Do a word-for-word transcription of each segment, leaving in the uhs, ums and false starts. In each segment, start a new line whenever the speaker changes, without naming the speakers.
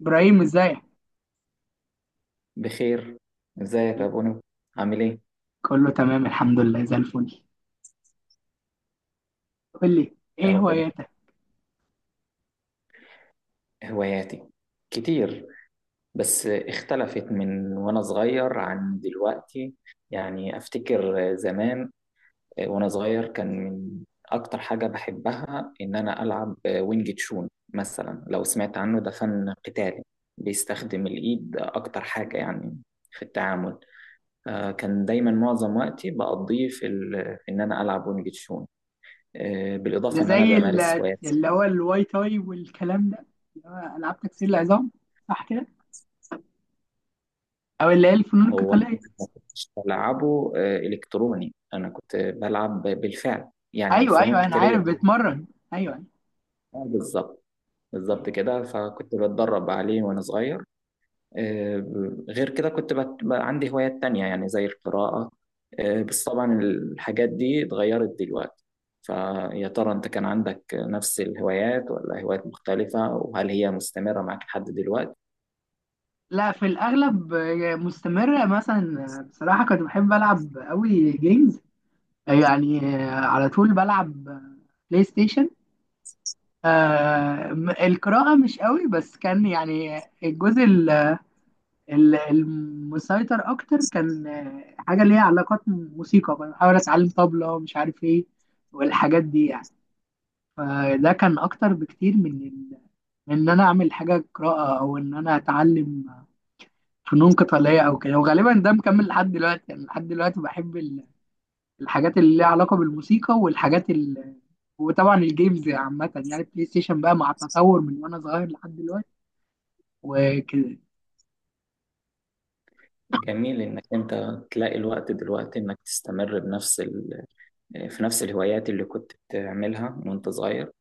ابراهيم، ازيك؟
بخير. ازيك يا بونو؟ عامل ايه؟
كله تمام الحمد لله زي الفل. قول لي
يا
ايه
رب. ده
هواياتك؟
هواياتي كتير، بس اختلفت من وانا صغير عن دلوقتي. يعني افتكر زمان وانا صغير كان من اكتر حاجة بحبها ان انا العب وينج تشون، مثلا لو سمعت عنه، ده فن قتالي بيستخدم الايد اكتر حاجة يعني في التعامل. آه، كان دايما معظم وقتي بقضيه في ال- في ان انا العب وينج تشون. آه،
ده
بالاضافه ان انا
زي
بمارس
ال-
هوايات.
اللي هو الواي تاي والكلام ده، اللي هو العاب تكسير العظام، صح كده؟ او اللي هي الفنون
هو أنا
القتاليه.
ما كنتش بلعبه آه، الكتروني، انا كنت بلعب بالفعل يعني
ايوه
فنون
ايوه، انا
قتاليه
عارف
بالفعل.
بتمرن. ايوه ايوه.
بالظبط،
أيوة.
بالظبط كده، فكنت بتدرب عليه وانا صغير. آه، غير كده كنت بت... عندي هوايات تانية يعني زي القراءه. آه، بس طبعا الحاجات دي اتغيرت دلوقتي. فيا ترى انت كان عندك نفس الهوايات ولا هوايات مختلفه، وهل هي مستمره معك لحد دلوقتي؟
لا، في الاغلب آه، مستمره. مثلا آه، بصراحه كنت بحب العب قوي جيمز. يعني آه، على طول بلعب آه، بلاي ستيشن. آه، م- القراءه مش قوي، بس كان يعني الجزء ال- المسيطر اكتر، كان آه، حاجه ليها علاقات موسيقى. كنت بحاول اتعلم طبلة، مش عارف ايه، والحاجات دي يعني. فده كان اكتر بكتير من ال... من ان انا اعمل حاجه قراءه، او ان انا اتعلم فنون قتاليه او كده. وغالبا ده مكمل لحد دلوقتي، يعني لحد دلوقتي بحب ال- الحاجات اللي ليها علاقه بالموسيقى، والحاجات ال... وطبعا الجيمز عامه، يعني البلاي ستيشن بقى، مع التطور من وانا صغير لحد دلوقتي وكده.
جميل انك انت تلاقي الوقت دلوقتي انك تستمر بنفس، في نفس الهوايات اللي كنت بتعملها وانت صغير.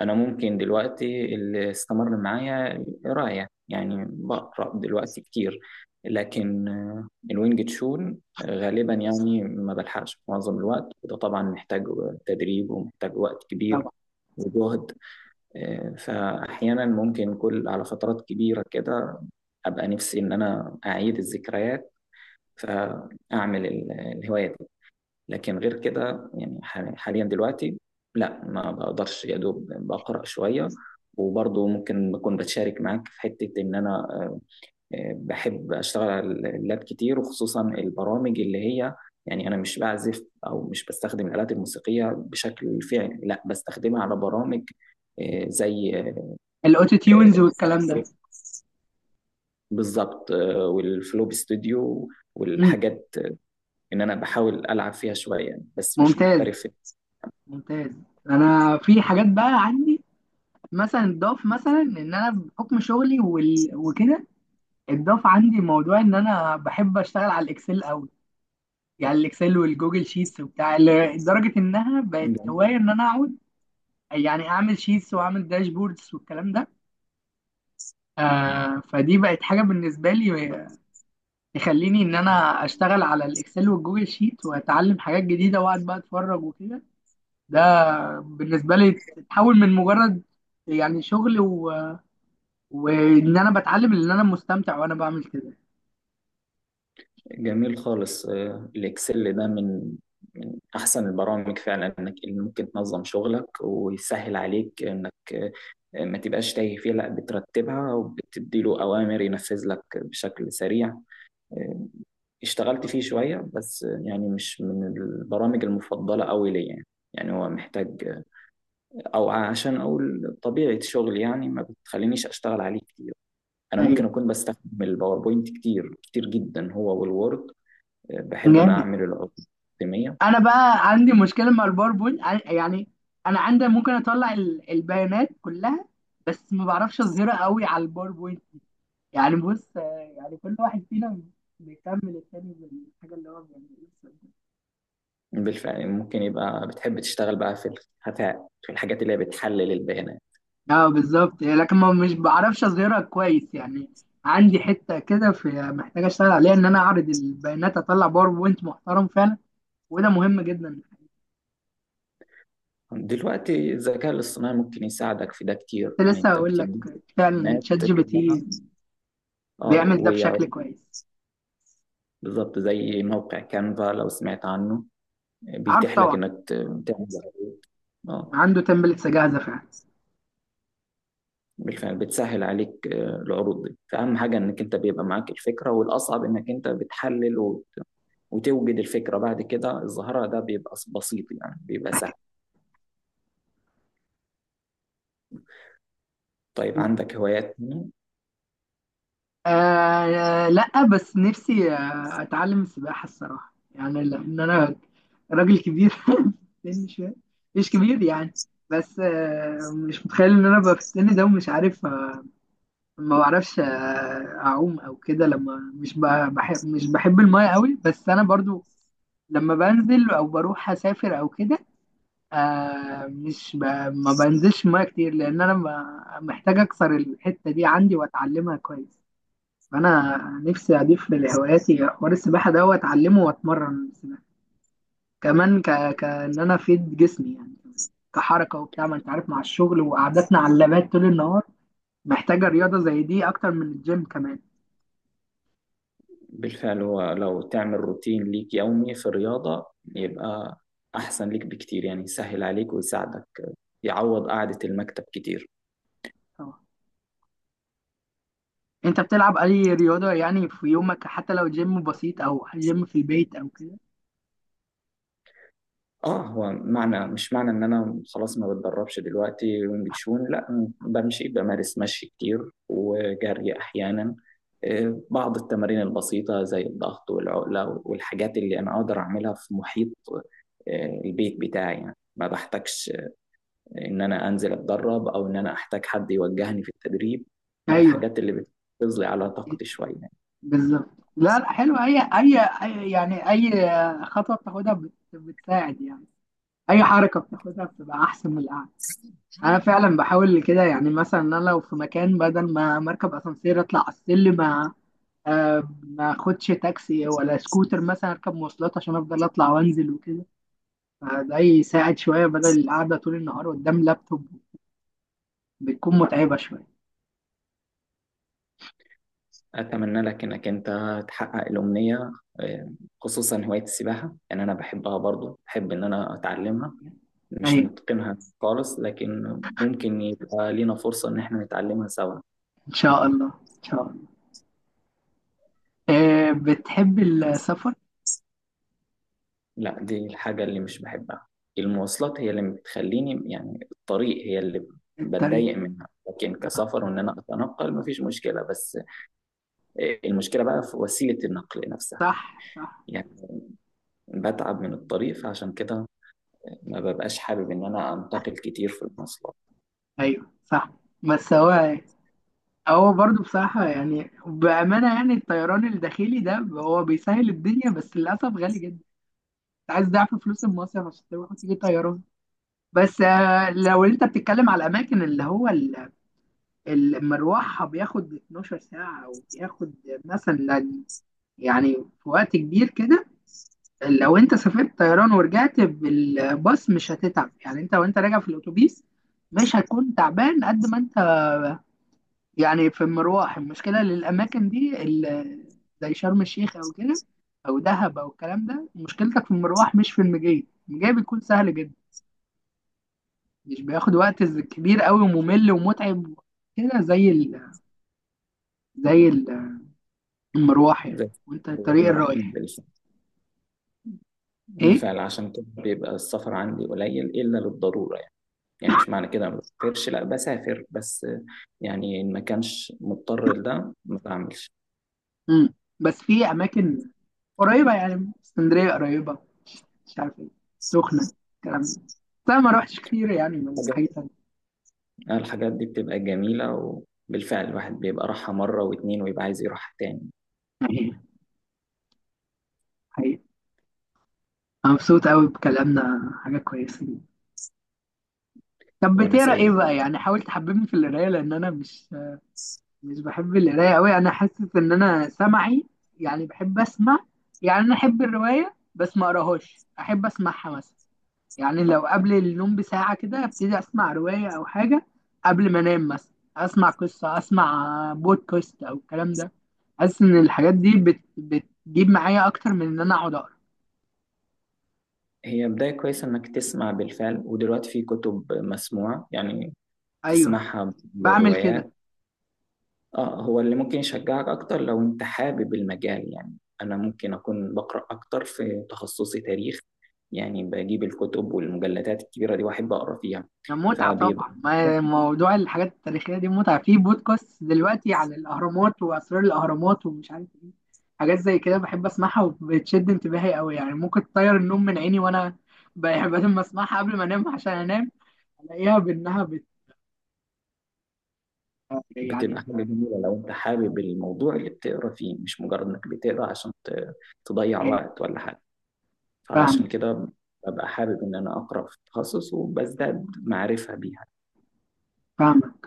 انا ممكن دلوقتي اللي استمر معايا القرايه، يعني بقرا دلوقتي كتير، لكن آه، الوينج تشون غالبا يعني ما بلحقش معظم الوقت، وده طبعا محتاج تدريب ومحتاج وقت كبير
طبعا
وجهد. آه، فاحيانا ممكن كل على فترات كبيره كده ابقى نفسي ان انا اعيد الذكريات فاعمل ال- الهوايه دي. لكن غير كده يعني ح- حاليا دلوقتي لا ما بقدرش، يا دوب بقرأ شوية. وبرضه ممكن بكون بتشارك معاك في حتة إن أنا آه، آه، بحب أشتغل على اللاب كتير، وخصوصا البرامج اللي هي، يعني أنا مش بعزف أو مش بستخدم الآلات الموسيقية بشكل فعلي، لا بستخدمها على برامج. آه، زي آه،
الاوتو تيونز
آه،
والكلام ده.
بالظبط، آه، والفلوب ستوديو
مم.
والحاجات، آه، إن أنا بحاول ألعب فيها شوية، يعني بس مش
ممتاز،
محترف.
ممتاز. انا في حاجات بقى عندي، مثلا اتضاف، مثلا ان انا بحكم شغلي وال... وكده، اتضاف عندي موضوع ان انا بحب اشتغل على الاكسل قوي. يعني الاكسل والجوجل شيتس وبتاع، ل- لدرجه انها بقت هوايه ان انا اقعد يعني اعمل شيتس واعمل داشبوردز والكلام ده. آه، فدي بقت حاجه بالنسبه لي تخليني ان انا اشتغل على الاكسل والجوجل شيت، واتعلم حاجات جديده، واقعد بقى اتفرج وكده. ده بالنسبه لي تحول من مجرد يعني شغل، وان انا بتعلم، ان انا مستمتع وانا بعمل كده.
جميل خالص. آه، الإكسل ده من، من أحسن البرامج فعلا، إنك اللي ممكن تنظم شغلك ويسهل عليك إنك، آه، ما تبقاش تايه فيه، لا بترتبها وبتدي له أوامر ينفذ لك بشكل سريع. آه، اشتغلت فيه شوية بس، آه، يعني مش من البرامج المفضلة أوي ليا يعني. يعني هو محتاج، أو عشان أقول طبيعة شغلي يعني ما بتخلينيش أشتغل عليه كتير. أنا
أيوة.
ممكن أكون بستخدم الباوربوينت كتير كتير جدا، هو والوورد. بحب ان أنا
جامد.
أعمل الأقدمية.
انا بقى عندي مشكله مع الباوربوينت، ع- يعني انا عندي ممكن اطلع ال- البيانات كلها، بس ما بعرفش اظهرها قوي على الباوربوينت. يعني بص، آه، يعني كل واحد فينا بيكمل التاني بالحاجه اللي هو بيعملها.
بالفعل، ممكن يبقى بتحب تشتغل بقى في الخفاء في الحاجات اللي هي بتحلل البيانات.
اه، بالظبط، لكن ما مش بعرفش اظهرها كويس يعني. عندي حته كده في محتاج اشتغل عليها، ان انا اعرض البيانات، اطلع باوربوينت محترم فعلا، وده مهم جدا.
دلوقتي الذكاء الاصطناعي ممكن يساعدك في ده كتير،
كنت
يعني
لسه
أنت
هقول لك،
بتدي
فعلا تشات
البيانات
جي بي
كلها،
تي
اه
بيعمل ده
ويعرف.
بشكل كويس.
بالظبط، زي موقع كانفا، لو سمعت عنه
عارف
بيتيح لك
طبعا،
إنك ت- تعمل عروض. اه،
عنده تمبلتس جاهزه فعلا.
بالفعل بتسهل عليك آه، العروض دي، فأهم حاجة إنك أنت بيبقى معاك الفكرة، والأصعب إنك أنت بتحلل وت... وتوجد الفكرة، بعد كده الظاهرة ده بيبقى بسيط يعني بيبقى سهل. طيب، عندك هوايات تانية؟
آه لا، بس نفسي آه، اتعلم السباحه الصراحه، يعني لان انا راجل كبير في السن شويه. مش كبير يعني، بس آه، مش متخيل ان انا ابقى في السن ده ومش عارف آه، ما بعرفش آه، اعوم او كده. لما مش ب- بحب مش بحب المايه قوي. بس انا برضو، لما بنزل او بروح اسافر او كده، آه مش ب... ما بنزلش المايه كتير، لان انا ب- محتاج اكسر الحته دي عندي واتعلمها كويس. فانا نفسي اضيف لهواياتي حوار السباحه ده، واتعلمه واتمرن سباحه كمان، ك... كان انا افيد جسمي، يعني كحركه وبتاع، ما انت عارف، مع الشغل وقعدتنا على اللابات طول النهار، محتاجه رياضه زي دي اكتر من الجيم كمان.
بالفعل. هو لو تعمل روتين ليك يومي في الرياضة، يبقى أحسن ليك بكتير، يعني يسهل عليك ويساعدك يعوض قعدة المكتب كتير.
طبعا. انت بتلعب اي رياضه يعني في يومك، حتى لو جيم بسيط او جيم في البيت او كده؟
اه، هو معنى مش معنى ان انا خلاص ما بتدربش دلوقتي وينج تشون، لا بمشي، بمارس مشي كتير وجري احيانا. آه، بعض التمارين البسيطة زي الضغط والعقلة والحاجات اللي انا اقدر اعملها في محيط آه، البيت بتاعي، يعني ما بحتاجش ان انا انزل اتدرب او ان انا احتاج حد يوجهني في التدريب. ما
ايوه،
الحاجات اللي بتغذي على طاقتي شوية.
بالظبط. لا لا، حلو. اي اي أي- يعني اي خطوه بتاخدها بت- بتساعد يعني، اي حركه بتاخدها بتبقى احسن من القعده. انا فعلا بحاول كده، يعني مثلا انا لو في مكان، بدل ما مركب اسانسير اطلع على السلم، آه، آه، ما اخدش تاكسي ولا سكوتر مثلا، اركب مواصلات عشان افضل اطلع وانزل وكده. فده يساعد شويه بدل القعده طول النهار قدام لابتوب، بتكون متعبه شويه.
أتمنى لك إنك أنت تحقق الأمنية، آه، خصوصا هواية السباحة. يعني أنا بحبها برضو، بحب إن أنا أتعلمها. مش
ايوه،
نتقنها خالص، لكن ممكن يبقى لينا فرصة إن إحنا نتعلمها سوا.
ان شاء الله، ان شاء الله. آه، بتحب السفر؟
لا دي الحاجة اللي مش بحبها، المواصلات هي اللي بتخليني، يعني الطريق هي اللي
الطريق.
بتضايق منها، لكن كسفر وإن أنا أتنقل مفيش مشكلة، بس آه، المشكلة بقى في وسيلة النقل نفسها.
صح، صح.
يعني بتعب من الطريق، فعشان كده ما ببقاش حابب إن أنا أنتقل كتير في المواصلات.
ايوه، صح. بس هو، هو برضه بصراحة، يعني بأمانة، يعني الطيران الداخلي ده هو بيسهل الدنيا، بس للأسف غالي جدا. انت عايز ضعف فلوس المصيف عشان تروح وتيجي طيران. بس آه، لو انت بتتكلم على الأماكن اللي هو ال- ال- مروحها بياخد 12 ساعة، أو بياخد مثلا، يعني في وقت كبير كده. لو انت سافرت طيران ورجعت بالباص، مش هتتعب، يعني انت وانت راجع في الأتوبيس مش هتكون تعبان قد ما انت يعني في المروح. المشكلة للأماكن دي ال- زي شرم الشيخ أو كده، أو دهب أو الكلام ده، مشكلتك في المروح مش في المجي. المجي بيكون سهل جدا، مش بياخد وقت ز- كبير قوي وممل ومتعب كده، زي ال... زي ال- المروح يعني،
زي
وأنت الطريق
احنا رايحين
الرايح.
بالف-
إيه؟
بالفعل. عشان كده بيبقى السفر عندي قليل إلا للضرورة، يعني يعني مش معنى كده ما بسافرش، لا بسافر، بس يعني إن ما كانش مضطر لده ما بعملش.
مم. بس في أماكن قريبة، يعني اسكندرية قريبة، مش عارف إيه، السخنة، الكلام ده، بس أنا ما روحتش كتير، يعني من
حاجات-
حاجة تانية.
الحاجات دي بتبقى جميلة، وبالفعل الواحد بيبقى راحها مرة واتنين ويبقى عايز يروحها تاني.
حقيقي، حقيقي. أنا مبسوط قوي بكلامنا، حاجة كويسة. طب
وأنا
بتقرا
سعيد
ايه بقى؟
جدا.
يعني حاول تحببني في القرايه، لان انا مش مش بحب القرايه قوي. انا حاسس ان انا سمعي، يعني بحب اسمع، يعني انا احب الروايه بس ما اقراهاش، احب اسمعها مثلا. يعني لو قبل النوم بساعه كده ابتدي اسمع روايه او حاجه، قبل ما انام مثلا اسمع قصه، اسمع بودكاست او الكلام ده. حاسس ان الحاجات دي بت... بتجيب معايا اكتر من ان انا اقعد اقرا.
هي بداية كويسة إنك تسمع بالفعل، ودلوقتي في كتب مسموعة يعني،
ايوه،
تسمعها
بعمل كده.
بالروايات. اه هو اللي ممكن يشجعك اكتر لو انت حابب المجال يعني. انا ممكن اكون بقرا اكتر في تخصصي تاريخ، يعني بجيب الكتب والمجلدات الكبيره دي واحب اقرا فيها.
ده متعة
فبيبقى
طبعا. ما- موضوع الحاجات التاريخية دي متعة، في بودكاست دلوقتي عن الأهرامات وأسرار الأهرامات ومش عارف إيه. حاجات زي كده بحب أسمعها وبتشد انتباهي أوي، يعني ممكن تطير النوم من عيني، وأنا بحب لما أسمعها قبل ما أنام عشان أنام ألاقيها بأنها بت
بتبقى
يعني
حاجه جميله لو انت حابب الموضوع اللي بتقرا فيه، مش مجرد انك بتقرا عشان ت- تضيع
بت-
وقت ولا حاجه.
فاهمة،
فعشان كده ببقى حابب ان انا اقرا في التخصص وبزداد معرفه بيه.
فاهمة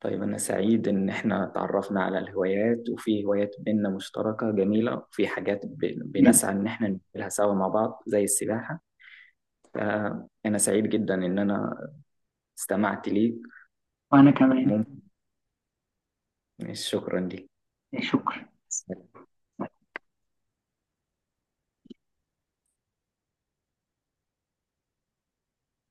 طيب، أنا سعيد إن إحنا تعرفنا على الهوايات، وفي هوايات بينا مشتركة جميلة، وفي حاجات ب-
جدا.
بنسعى إن إحنا نعملها سوا مع بعض زي السباحة. فأنا سعيد جدا إن أنا استمعت ليك.
وأنا كمان.
ممكن، شكرا
شكرا.
ليك.